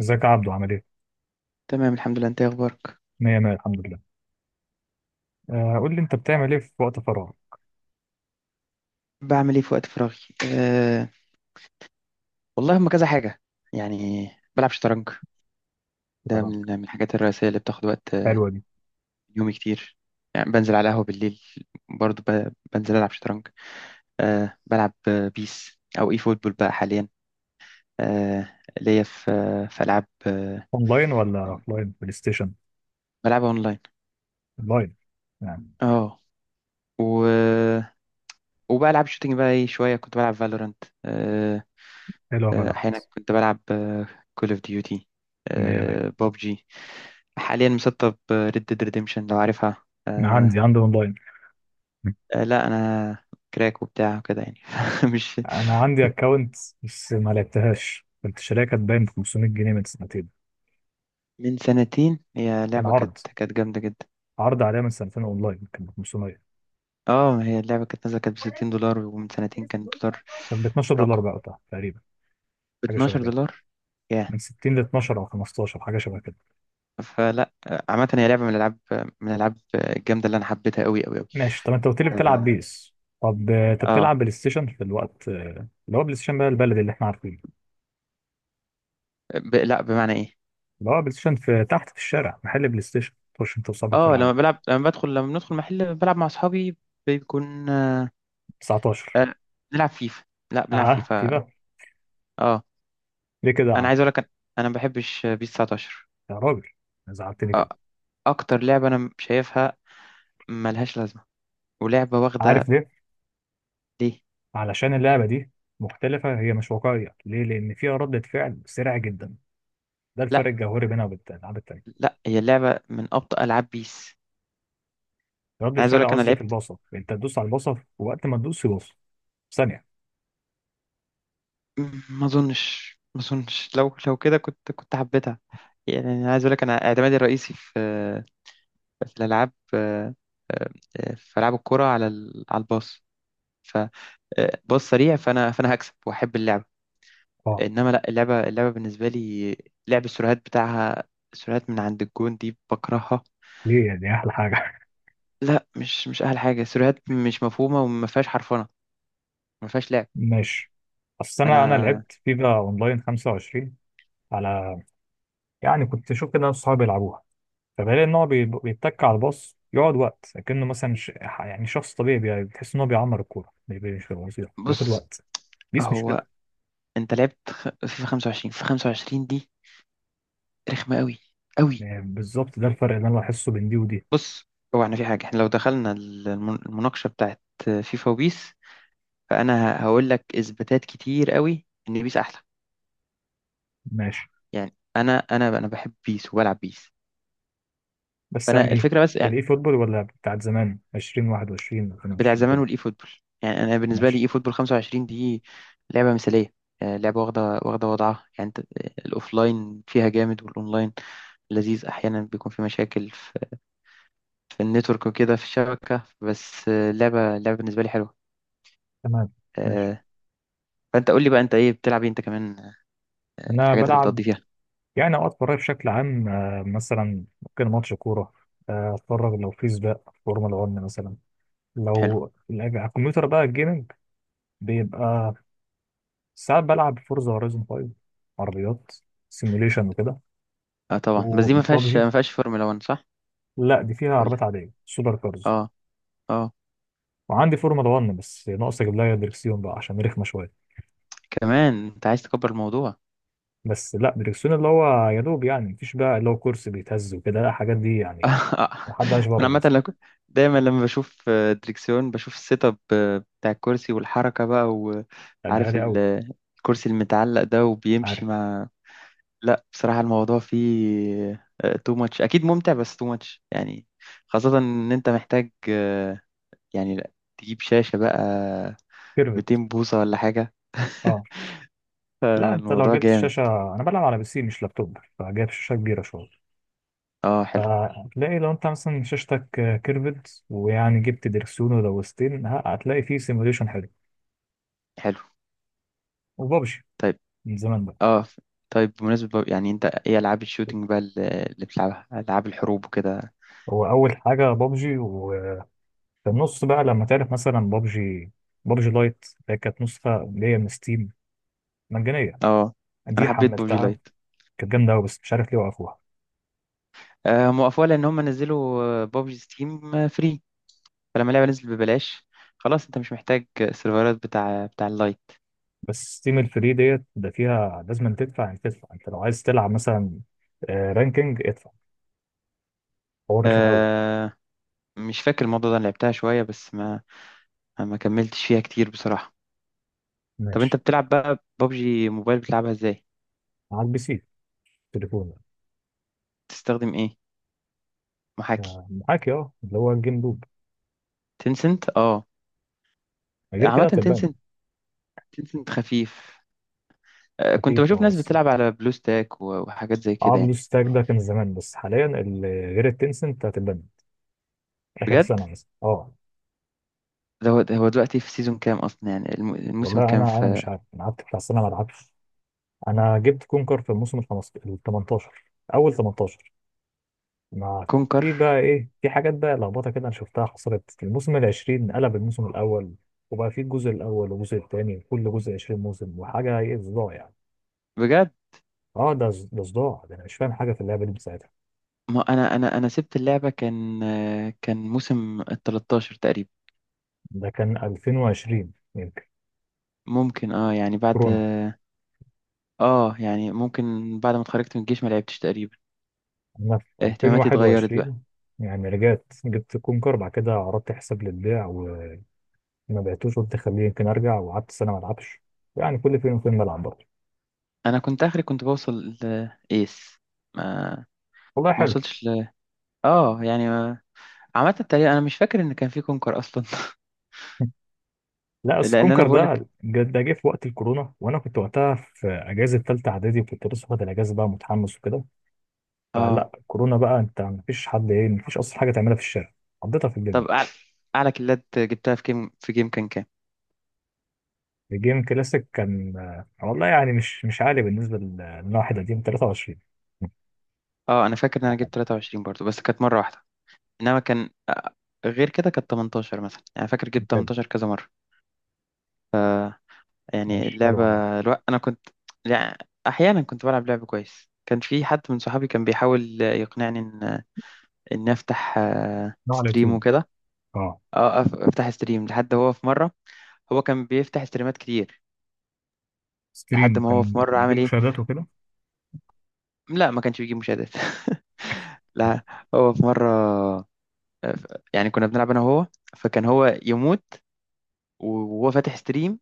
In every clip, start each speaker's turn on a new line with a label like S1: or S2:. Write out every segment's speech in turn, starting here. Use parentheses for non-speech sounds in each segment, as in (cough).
S1: ازيك يا عبدو عامل ايه؟
S2: تمام الحمد لله، انت ايه اخبارك؟
S1: مية مية، الحمد لله. آه، قول لي، انت بتعمل ايه في وقت فراغ؟
S2: بعمل ايه في وقت فراغي؟ أه والله هم كذا حاجه، يعني بلعب شطرنج. ده
S1: طبعا.
S2: من الحاجات الرئيسيه اللي بتاخد وقت.
S1: حلوة دي.
S2: يومي كتير، يعني بنزل على قهوه بالليل، برضو بنزل العب شطرنج. بلعب بيس او اي فوتبول بقى حاليا. ليا في العاب،
S1: اونلاين ولا اوفلاين بلاي ستيشن؟
S2: بلعبها اونلاين.
S1: اونلاين. يعني.
S2: اه، و... وبلعب شوتينج بقى، ايه شويه كنت بلعب فالورانت،
S1: حلوة بلد.
S2: احيانا كنت بلعب كول اوف ديوتي،
S1: مية مية.
S2: ببجي. حاليا مسطب ريد ديد ريديمشن لو عارفها
S1: انا عندي
S2: آه
S1: عندي اونلاين.
S2: لا انا كراك وبتاع كده يعني (laughs) مش...
S1: انا عندي اكونت بس ما لعبتهاش، كنت شاريها، كانت باين ب 500 جنيه من سنتين.
S2: من سنتين هي
S1: كان
S2: لعبة كانت
S1: عرض،
S2: كانت جامدة جدا.
S1: عرض عليها من سنتين اونلاين كان ب 500.
S2: اه، ما هي اللعبة كانت نازلة كانت ب $60، ومن سنتين كان الدولار...
S1: كان ب 12 دولار
S2: رقم،
S1: بقى وقتها تقريبا.
S2: ب
S1: حاجة شبه
S2: 12
S1: كده.
S2: دولار ياه.
S1: من 60 ل 12 او 15، حاجة شبه كده.
S2: فلا، عامة هي لعبة من الألعاب، من الألعاب الجامدة اللي أنا حبيتها أوي أوي أوي.
S1: ماشي. طب انت قلت لي بتلعب
S2: اه،
S1: بيس؟ طب انت
S2: آه،
S1: بتلعب بلاي ستيشن في الوقت اللي هو بلاي ستيشن بقى البلدي اللي احنا عارفينه.
S2: لا بمعنى إيه.
S1: اللي هو بلاي ستيشن في تحت في الشارع، محل بلاي ستيشن تخش انت وصاحبك
S2: اه
S1: تلعبوا
S2: لما بلعب، لما بدخل، لما بندخل محل بلعب مع أصحابي، بيكون...
S1: 19.
S2: آه، بنلعب فيفا، لا بنلعب
S1: اه، في
S2: فيفا.
S1: بقى.
S2: اه،
S1: ليه كده يا
S2: انا
S1: عم؟
S2: عايز اقول لك، أنا ما بحبش بيس 19.
S1: يا راجل زعلتني
S2: آه،
S1: كده.
S2: اكتر لعبه انا شايفها ملهاش لازمه، ولعبه
S1: عارف
S2: واخده.
S1: ليه؟
S2: ليه؟
S1: علشان اللعبه دي مختلفه، هي مش واقعيه. ليه؟ لان فيها ردة فعل سريعه جدا. ده الفرق
S2: لا
S1: الجوهري بينها وبين الالعاب التانيه.
S2: لا، هي اللعبه من ابطأ العاب بيس.
S1: ردة
S2: انا عايز اقول
S1: فعل
S2: لك انا
S1: قصدي في
S2: لعبت...
S1: البصر، انت تدوس على البصر ووقت ما تدوس يبص. ثانيه.
S2: ما اظنش لو كده كنت حبيتها. يعني انا عايز اقول لك انا اعتمادي الرئيسي في الالعاب، آه، في العاب الكوره على الباص، فباص سريع، فانا هكسب واحب اللعبه.
S1: اه.
S2: انما لا، اللعبه بالنسبه لي لعب السيرفرات بتاعها، سيرفرات من عند الجون دي بكرهها.
S1: دي احلى حاجه.
S2: لا مش احلى حاجه، سيرفرات مش مفهومه وما فيهاش حرفنه، ما فيهاش لعب.
S1: ماشي. اصل انا
S2: فانا...
S1: لعبت فيفا اونلاين 25. على. يعني كنت اشوف كده ناس صحابي بيلعبوها، فبلاقي ان هو بيتك على الباص يقعد وقت، لكنه مثلا يعني شخص طبيعي بتحس ان هو بيعمر الكوره مش بيبقى بياخد
S2: بص،
S1: وقت. بيس مش
S2: هو
S1: كده.
S2: انت لعبت فيفا 25، في 25 دي رخمه قوي قوي.
S1: يعني بالظبط ده الفرق اللي انا بحسه بين دي ودي.
S2: بص، هو احنا في حاجه، احنا لو دخلنا المناقشه بتاعت فيفا وبيس، فانا هقول لك اثباتات كتير قوي ان بيس احلى.
S1: ماشي.
S2: يعني انا بحب بيس وبلعب بيس.
S1: بس يعني
S2: فانا الفكره بس
S1: ايه؟
S2: يعني
S1: الاي فوتبول ولا بتاعت زمان 20 21
S2: بتاع
S1: 22
S2: زمان
S1: كده؟
S2: والاي فوتبول. يعني انا بالنسبه لي،
S1: ماشي
S2: اي فوتبول 25 دي لعبه مثاليه. لعبه واخده، واخده وضعها يعني. انت، الاوفلاين فيها جامد والاونلاين لذيذ. احيانا بيكون في مشاكل في النتورك وكده، في الشبكه. بس لعبه، لعبه بالنسبه لي حلوه.
S1: تمام. ماشي.
S2: آه، فانت قول لي بقى، انت ايه بتلعب؟ ايه انت كمان،
S1: انا
S2: الحاجات اللي
S1: بلعب.
S2: بتقضي فيها؟
S1: يعني اوقات فراغي بشكل عام، مثلا ممكن ماتش كوره، اتفرج لو في سباق فورمولا 1 مثلا.
S2: حلو.
S1: لو على الكمبيوتر بقى الجيمنج، بيبقى ساعات بلعب فورزا هورايزون 5. عربيات سيميوليشن وكده.
S2: اه طبعا، بس دي ما فيهاش
S1: وبابجي.
S2: ما فيهاش فورمولا 1 صح؟
S1: لا، دي فيها
S2: ولا.
S1: عربيات عاديه سوبر كارز.
S2: اه. اه.
S1: وعندي فورمولا 1، بس ناقص اجيب لها دريكسيون بقى عشان رخمه شويه.
S2: كمان انت عايز تكبر الموضوع؟
S1: بس لا، دريكسيون اللي هو يا دوب، يعني مفيش بقى اللي هو كرسي بيتهز وكده، لا الحاجات دي يعني.
S2: (laughs)
S1: محدش
S2: انا
S1: بره
S2: عامه لو
S1: مثلا.
S2: كنت- دايما لما بشوف دريكسيون بشوف السيت اب بتاع الكرسي والحركه بقى،
S1: لا ده
S2: وعارف
S1: غالي قوي.
S2: الكرسي المتعلق ده وبيمشي
S1: عارف.
S2: مع... لا بصراحه الموضوع فيه تو ماتش، اكيد ممتع بس تو ماتش يعني. خاصه ان انت محتاج آه، يعني لا، تجيب شاشه بقى
S1: كيرفت.
S2: 200 بوصه ولا حاجه.
S1: اه.
S2: (laughs)
S1: لا انت لو
S2: فالموضوع
S1: جبت
S2: جامد.
S1: الشاشه، انا بلعب على PC مش لابتوب، فجايب شاشه كبيره شويه.
S2: اه حلو.
S1: فهتلاقي لو انت مثلا شاشتك كيرفد ويعني جبت دركسيون ولوستين، هتلاقي فيه سيموليشن حلو.
S2: حلو.
S1: وبابجي.
S2: طيب.
S1: من زمان بقى.
S2: اه ف- طيب، بمناسبة بقى، يعني انت ايه العاب الشوتينج بقى اللي بتلعبها، العاب الحروب وكده؟
S1: هو اول حاجه بابجي، وفي النص بقى لما تعرف مثلا بابجي، بابجي لايت اللي كانت نسخه اللي هي من ستيم مجانيه،
S2: اه انا
S1: دي
S2: حبيت ببجي
S1: حملتها.
S2: لايت.
S1: كانت جامده قوي بس مش عارف ليه وقفوها.
S2: آه، هم وقفوها لان هم نزلوا ببجي ستيم فري، فلما اللعبه نزلت ببلاش خلاص انت مش محتاج السيرفرات بتاع اللايت.
S1: بس ستيم الفري ديت ده فيها لازم تدفع، يعني تدفع انت لو عايز تلعب مثلا رانكينج، ادفع. هو رخم قوي.
S2: آه، مش فاكر الموضوع ده، انا لعبتها شويه بس ما كملتش فيها كتير بصراحه. طب انت
S1: ماشي.
S2: بتلعب بقى ببجي موبايل، بتلعبها ازاي؟
S1: معاك PC؟ تليفون.
S2: تستخدم ايه؟ محاكي؟
S1: معاك، اه، اللي هو الجيم لوب.
S2: تنسنت، اه.
S1: غير
S2: عامه
S1: كده هتبان.
S2: تنسنت، تنسنت خفيف. كنت
S1: خفيف،
S2: بشوف
S1: اه،
S2: ناس
S1: بس.
S2: بتلعب على بلو ستاك وحاجات زي
S1: اه،
S2: كده يعني.
S1: بلوس تاج ده كان زمان، بس حاليا غير التنسنت هتبان. اخر
S2: بجد؟
S1: سنه مثلا، اه.
S2: ده هو دلوقتي في سيزون كام اصلا، يعني الموسم
S1: والله
S2: الكام
S1: انا
S2: في
S1: مش عارف، انا قعدت بتاع سنه ما العبش. انا جبت كونكر في الموسم ال 15، ال 18. اول 18. ما.
S2: كونكر؟
S1: في بقى ايه، في حاجات بقى لخبطه كده انا شفتها حصلت في الموسم ال 20، قلب الموسم الاول. وبقى في الجزء الاول والجزء الثاني، وكل جزء 20 موسم وحاجه، ايه صداع يعني.
S2: بجد؟
S1: اه، ده ده صداع، ده انا مش فاهم حاجه في اللعبه دي بساعتها.
S2: ما انا سبت اللعبه، كان موسم ال 13 تقريبا.
S1: ده كان 2020 يمكن.
S2: ممكن، اه يعني بعد...
S1: كورونا.
S2: اه يعني ممكن، بعد ما اتخرجت من الجيش ما لعبتش تقريبا،
S1: انا في
S2: اهتماماتي اتغيرت بقى.
S1: 2021. يعني رجعت جبت كونكر، بعد كده عرضت حساب للبيع وما بعتوش، قلت خليه يمكن ارجع، وقعدت سنه ما العبش. يعني كل فين وفين بلعب برضه.
S2: انا كنت اخري كنت بوصل لايس، ما
S1: والله
S2: ما
S1: حلو.
S2: وصلتش ل... اه يعني ما... عامه تقريبا انا مش فاكر ان كان في كونكر اصلا.
S1: (laughs) لا
S2: (laughs)
S1: أصل
S2: لان انا
S1: كونكر
S2: بقول لك.
S1: ده ده جه في وقت الكورونا، وانا كنت وقتها في اجازه ثالثه اعدادي، وكنت لسه واخد الاجازه بقى متحمس وكده.
S2: اه،
S1: فلا الكورونا بقى، انت مفيش حد، ايه، مفيش اصلا حاجه تعملها في الشارع، قضيتها في البيت
S2: طب
S1: بقى.
S2: اعلى كيلات جبتها في جيم، كان كام؟
S1: الجيم كلاسيك كان، والله يعني مش عالي بالنسبة لنا. واحد قديم 23
S2: اه، انا فاكر ان
S1: على
S2: انا
S1: حاجة.
S2: جبت 23 برضو، بس كانت مره واحده. انما كان آه، غير كده كانت 18 مثلا، يعني فاكر جبت
S1: كان.
S2: 18 كذا مره. يعني
S1: ماشي حلو
S2: اللعبه...
S1: والله.
S2: انا كنت يعني احيانا كنت بلعب لعب كويس، كان في حد من صحابي كان بيحاول يقنعني ان افتح
S1: نوع على
S2: ستريم
S1: اليوتيوب.
S2: وكده.
S1: اه.
S2: افتح ستريم لحد هو في مره... هو كان بيفتح ستريمات كتير، لحد
S1: ستريم
S2: ما هو في
S1: كان
S2: مره
S1: بيجيب
S2: عمل ايه.
S1: مشاهدات وكده.
S2: لا، ما كانش بيجيب مشاهدات. (laughs) لا. هو في مره آه، ف- يعني كنا بنلعب انا وهو، فكان هو يموت وهو فاتح ستريم،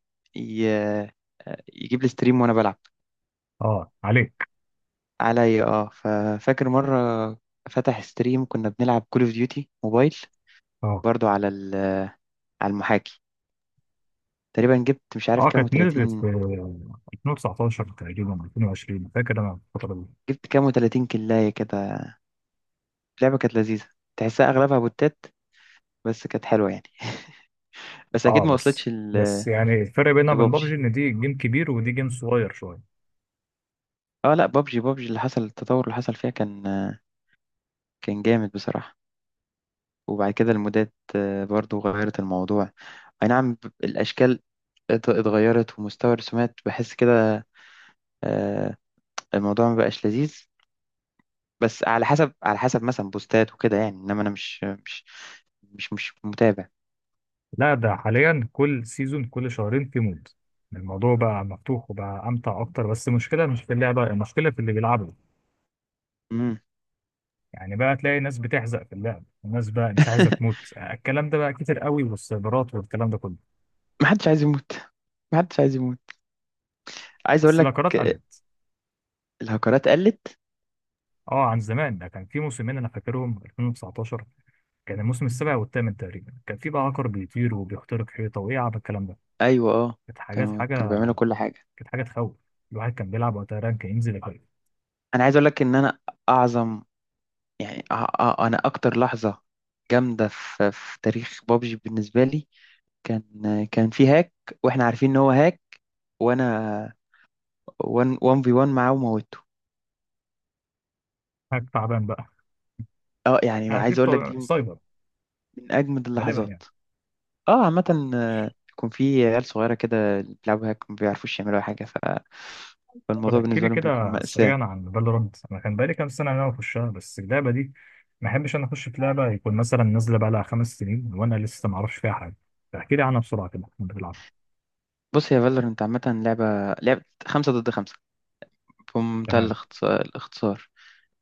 S2: يجيب لي ستريم وانا بلعب.
S1: اه، عليك.
S2: عليا، اه. ففاكر مره فتح ستريم كنا بنلعب كول اوف ديوتي موبايل،
S1: اه.
S2: برضو على المحاكي. تقريبا جبت مش عارف
S1: اه،
S2: كام
S1: كانت نزلت في
S2: و30
S1: 2019 تقريبا 2020، فاكر انا الفترة دي.
S2: جبت كام و30 كلايه كده. اللعبه كانت لذيذه، تحسها اغلبها بوتات بس كانت حلوه يعني. بس اكيد
S1: اه،
S2: ما
S1: بس
S2: وصلتش
S1: بس يعني الفرق بينها وبين بابجي
S2: لبابجي.
S1: ان دي جيم كبير ودي جيم صغير شوية.
S2: اه لا، بابجي اللي حصل التطور اللي حصل فيها كان جامد بصراحه. وبعد كده المودات برضو غيرت الموضوع. اي نعم، الاشكال اتغيرت ومستوى الرسومات بحس كده آه، الموضوع ما بقاش لذيذ. بس على حسب، على حسب مثلا بوستات وكده يعني. انما انا مش متابع.
S1: لا ده حاليا كل سيزون كل شهرين في مود، الموضوع بقى مفتوح وبقى امتع اكتر. بس المشكله مش في اللعبه، المشكله في اللي بيلعبوا.
S2: امم
S1: يعني بقى تلاقي ناس بتحزق في اللعب، وناس بقى مش عايزه تموت،
S2: (laughs)
S1: الكلام ده بقى كتير قوي، والسيرفرات والكلام ده كله.
S2: ما حدش عايز يموت، ما حدش عايز يموت. عايز اقول
S1: بس
S2: لك
S1: الاكارات
S2: آه،
S1: قلت.
S2: الهكرات قلت.
S1: اه عن زمان، ده كان في موسمين انا فاكرهم 2019، كان الموسم السابع والثامن تقريبا، كان في بقى عقر بيطير وبيخترق حيطه وايه، عب الكلام ده.
S2: ايوه، اه.
S1: كانت حاجات
S2: كانوا
S1: حاجه.
S2: بيعملوا كل حاجه.
S1: كانت حاجه تخوف. الواحد كان بيلعب وقتها رانك ينزل يقل.
S2: انا عايز اقول لك ان انا اعظم، يعني انا اكتر لحظه جامده في تاريخ بابجي بالنسبه لي، كان كان في هاك، واحنا عارفين ان هو هاك، وانا 1 في 1 معاه وموته.
S1: حاجه تعبان بقى.
S2: اه
S1: (laughs)
S2: يعني
S1: هتلاقي
S2: عايز اقول لك،
S1: بتوع
S2: دي
S1: سايبر
S2: من أجمد
S1: غالبا
S2: اللحظات.
S1: يعني.
S2: اه عامة، يكون في عيال صغيرة كده اللي بيلعبوا هاك ما بيعرفوش يعملوا أي حاجة ف...
S1: طب
S2: فالموضوع
S1: احكي لي
S2: بالنسبة لهم بيكون
S1: كده
S2: مأساة.
S1: سريعا عن فالورانت. انا كان بقالي كام سنه إن انا اخشها بس اللعبه دي، ما احبش انا اخش في لعبه يكون مثلا نازله بقى لها 5 سنين وانا لسه ما اعرفش فيها حاجه. فاحكي لي عنها بسرعه كده، كنت بتلعب.
S2: بص يا فالورنت، عامة لعبة، لعبة خمسة ضد خمسة بمنتهى
S1: تمام.
S2: الاختصار.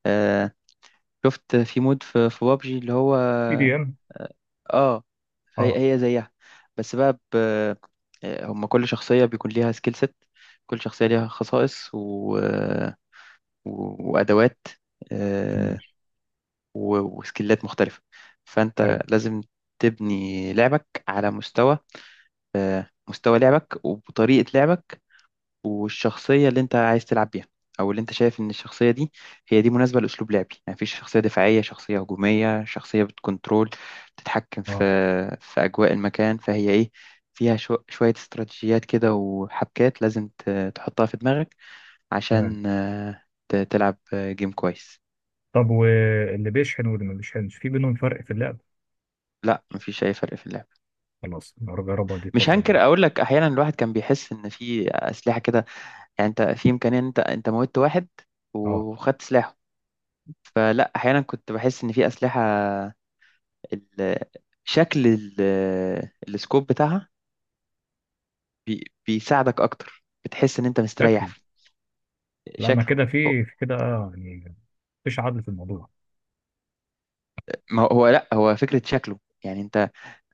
S2: آه، شفت في مود في بابجي اللي هو،
S1: بي دي
S2: اه،
S1: ام
S2: آه،
S1: اه.
S2: هي هي زيها. بس بقى ب... آه، هما كل شخصية بيكون ليها سكيل set. كل شخصية ليها خصائص وأدوات، آه،
S1: مش
S2: وسكيلات مختلفة. فأنت
S1: حارب.
S2: لازم تبني لعبك على مستوى لعبك، وبطريقة لعبك، والشخصية اللي أنت عايز تلعب بيها، أو اللي أنت شايف إن الشخصية دي هي دي مناسبة لأسلوب لعبي. يعني مفيش شخصية دفاعية، شخصية هجومية، شخصية بتكنترول، بتتحكم
S1: اه
S2: في أجواء المكان. فهي إيه، فيها شوية استراتيجيات كده وحبكات لازم تحطها في دماغك
S1: تمام.
S2: عشان تلعب جيم كويس.
S1: طب واللي بيشحن واللي ما بيشحنش، في بينهم فرق في اللعب؟
S2: لا، مفيش أي فرق في اللعب.
S1: خلاص نجربها دي
S2: مش
S1: الفتره
S2: هنكر،
S1: الجايه.
S2: اقول لك احيانا الواحد كان بيحس ان في اسلحه كده، يعني انت في امكانيه ان انت موتت واحد
S1: اه.
S2: وخدت سلاحه. فلا، احيانا كنت بحس ان في اسلحه، ال- شكل ال- السكوب بتاعها بيساعدك اكتر، بتحس ان انت مستريح
S1: شكل.
S2: في
S1: لا ما
S2: شكله.
S1: كده،
S2: هو-
S1: في كده، يعني. مفيش عدل في الموضوع.
S2: ما هو هو، لا، هو فكره شكله، يعني انت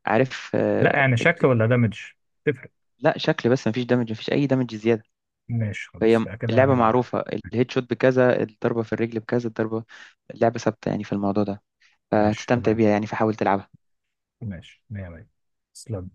S2: عارف
S1: لا
S2: آه،
S1: يعني شكل
S2: ال-
S1: ولا دامج؟ تفرق.
S2: لا شكل بس، مفيش دمج، مفيش اي دمج زياده.
S1: ماشي خلاص،
S2: فهي
S1: كده كده
S2: اللعبه
S1: نلعب.
S2: معروفه، الهيد شوت بكذا، الضربه في الرجل بكذا الضربه. لعبه ثابته يعني في الموضوع ده،
S1: ماشي
S2: فهتستمتع
S1: تمام.
S2: بيها يعني، فحاول تلعبها.
S1: ماشي مية مية. تسلم.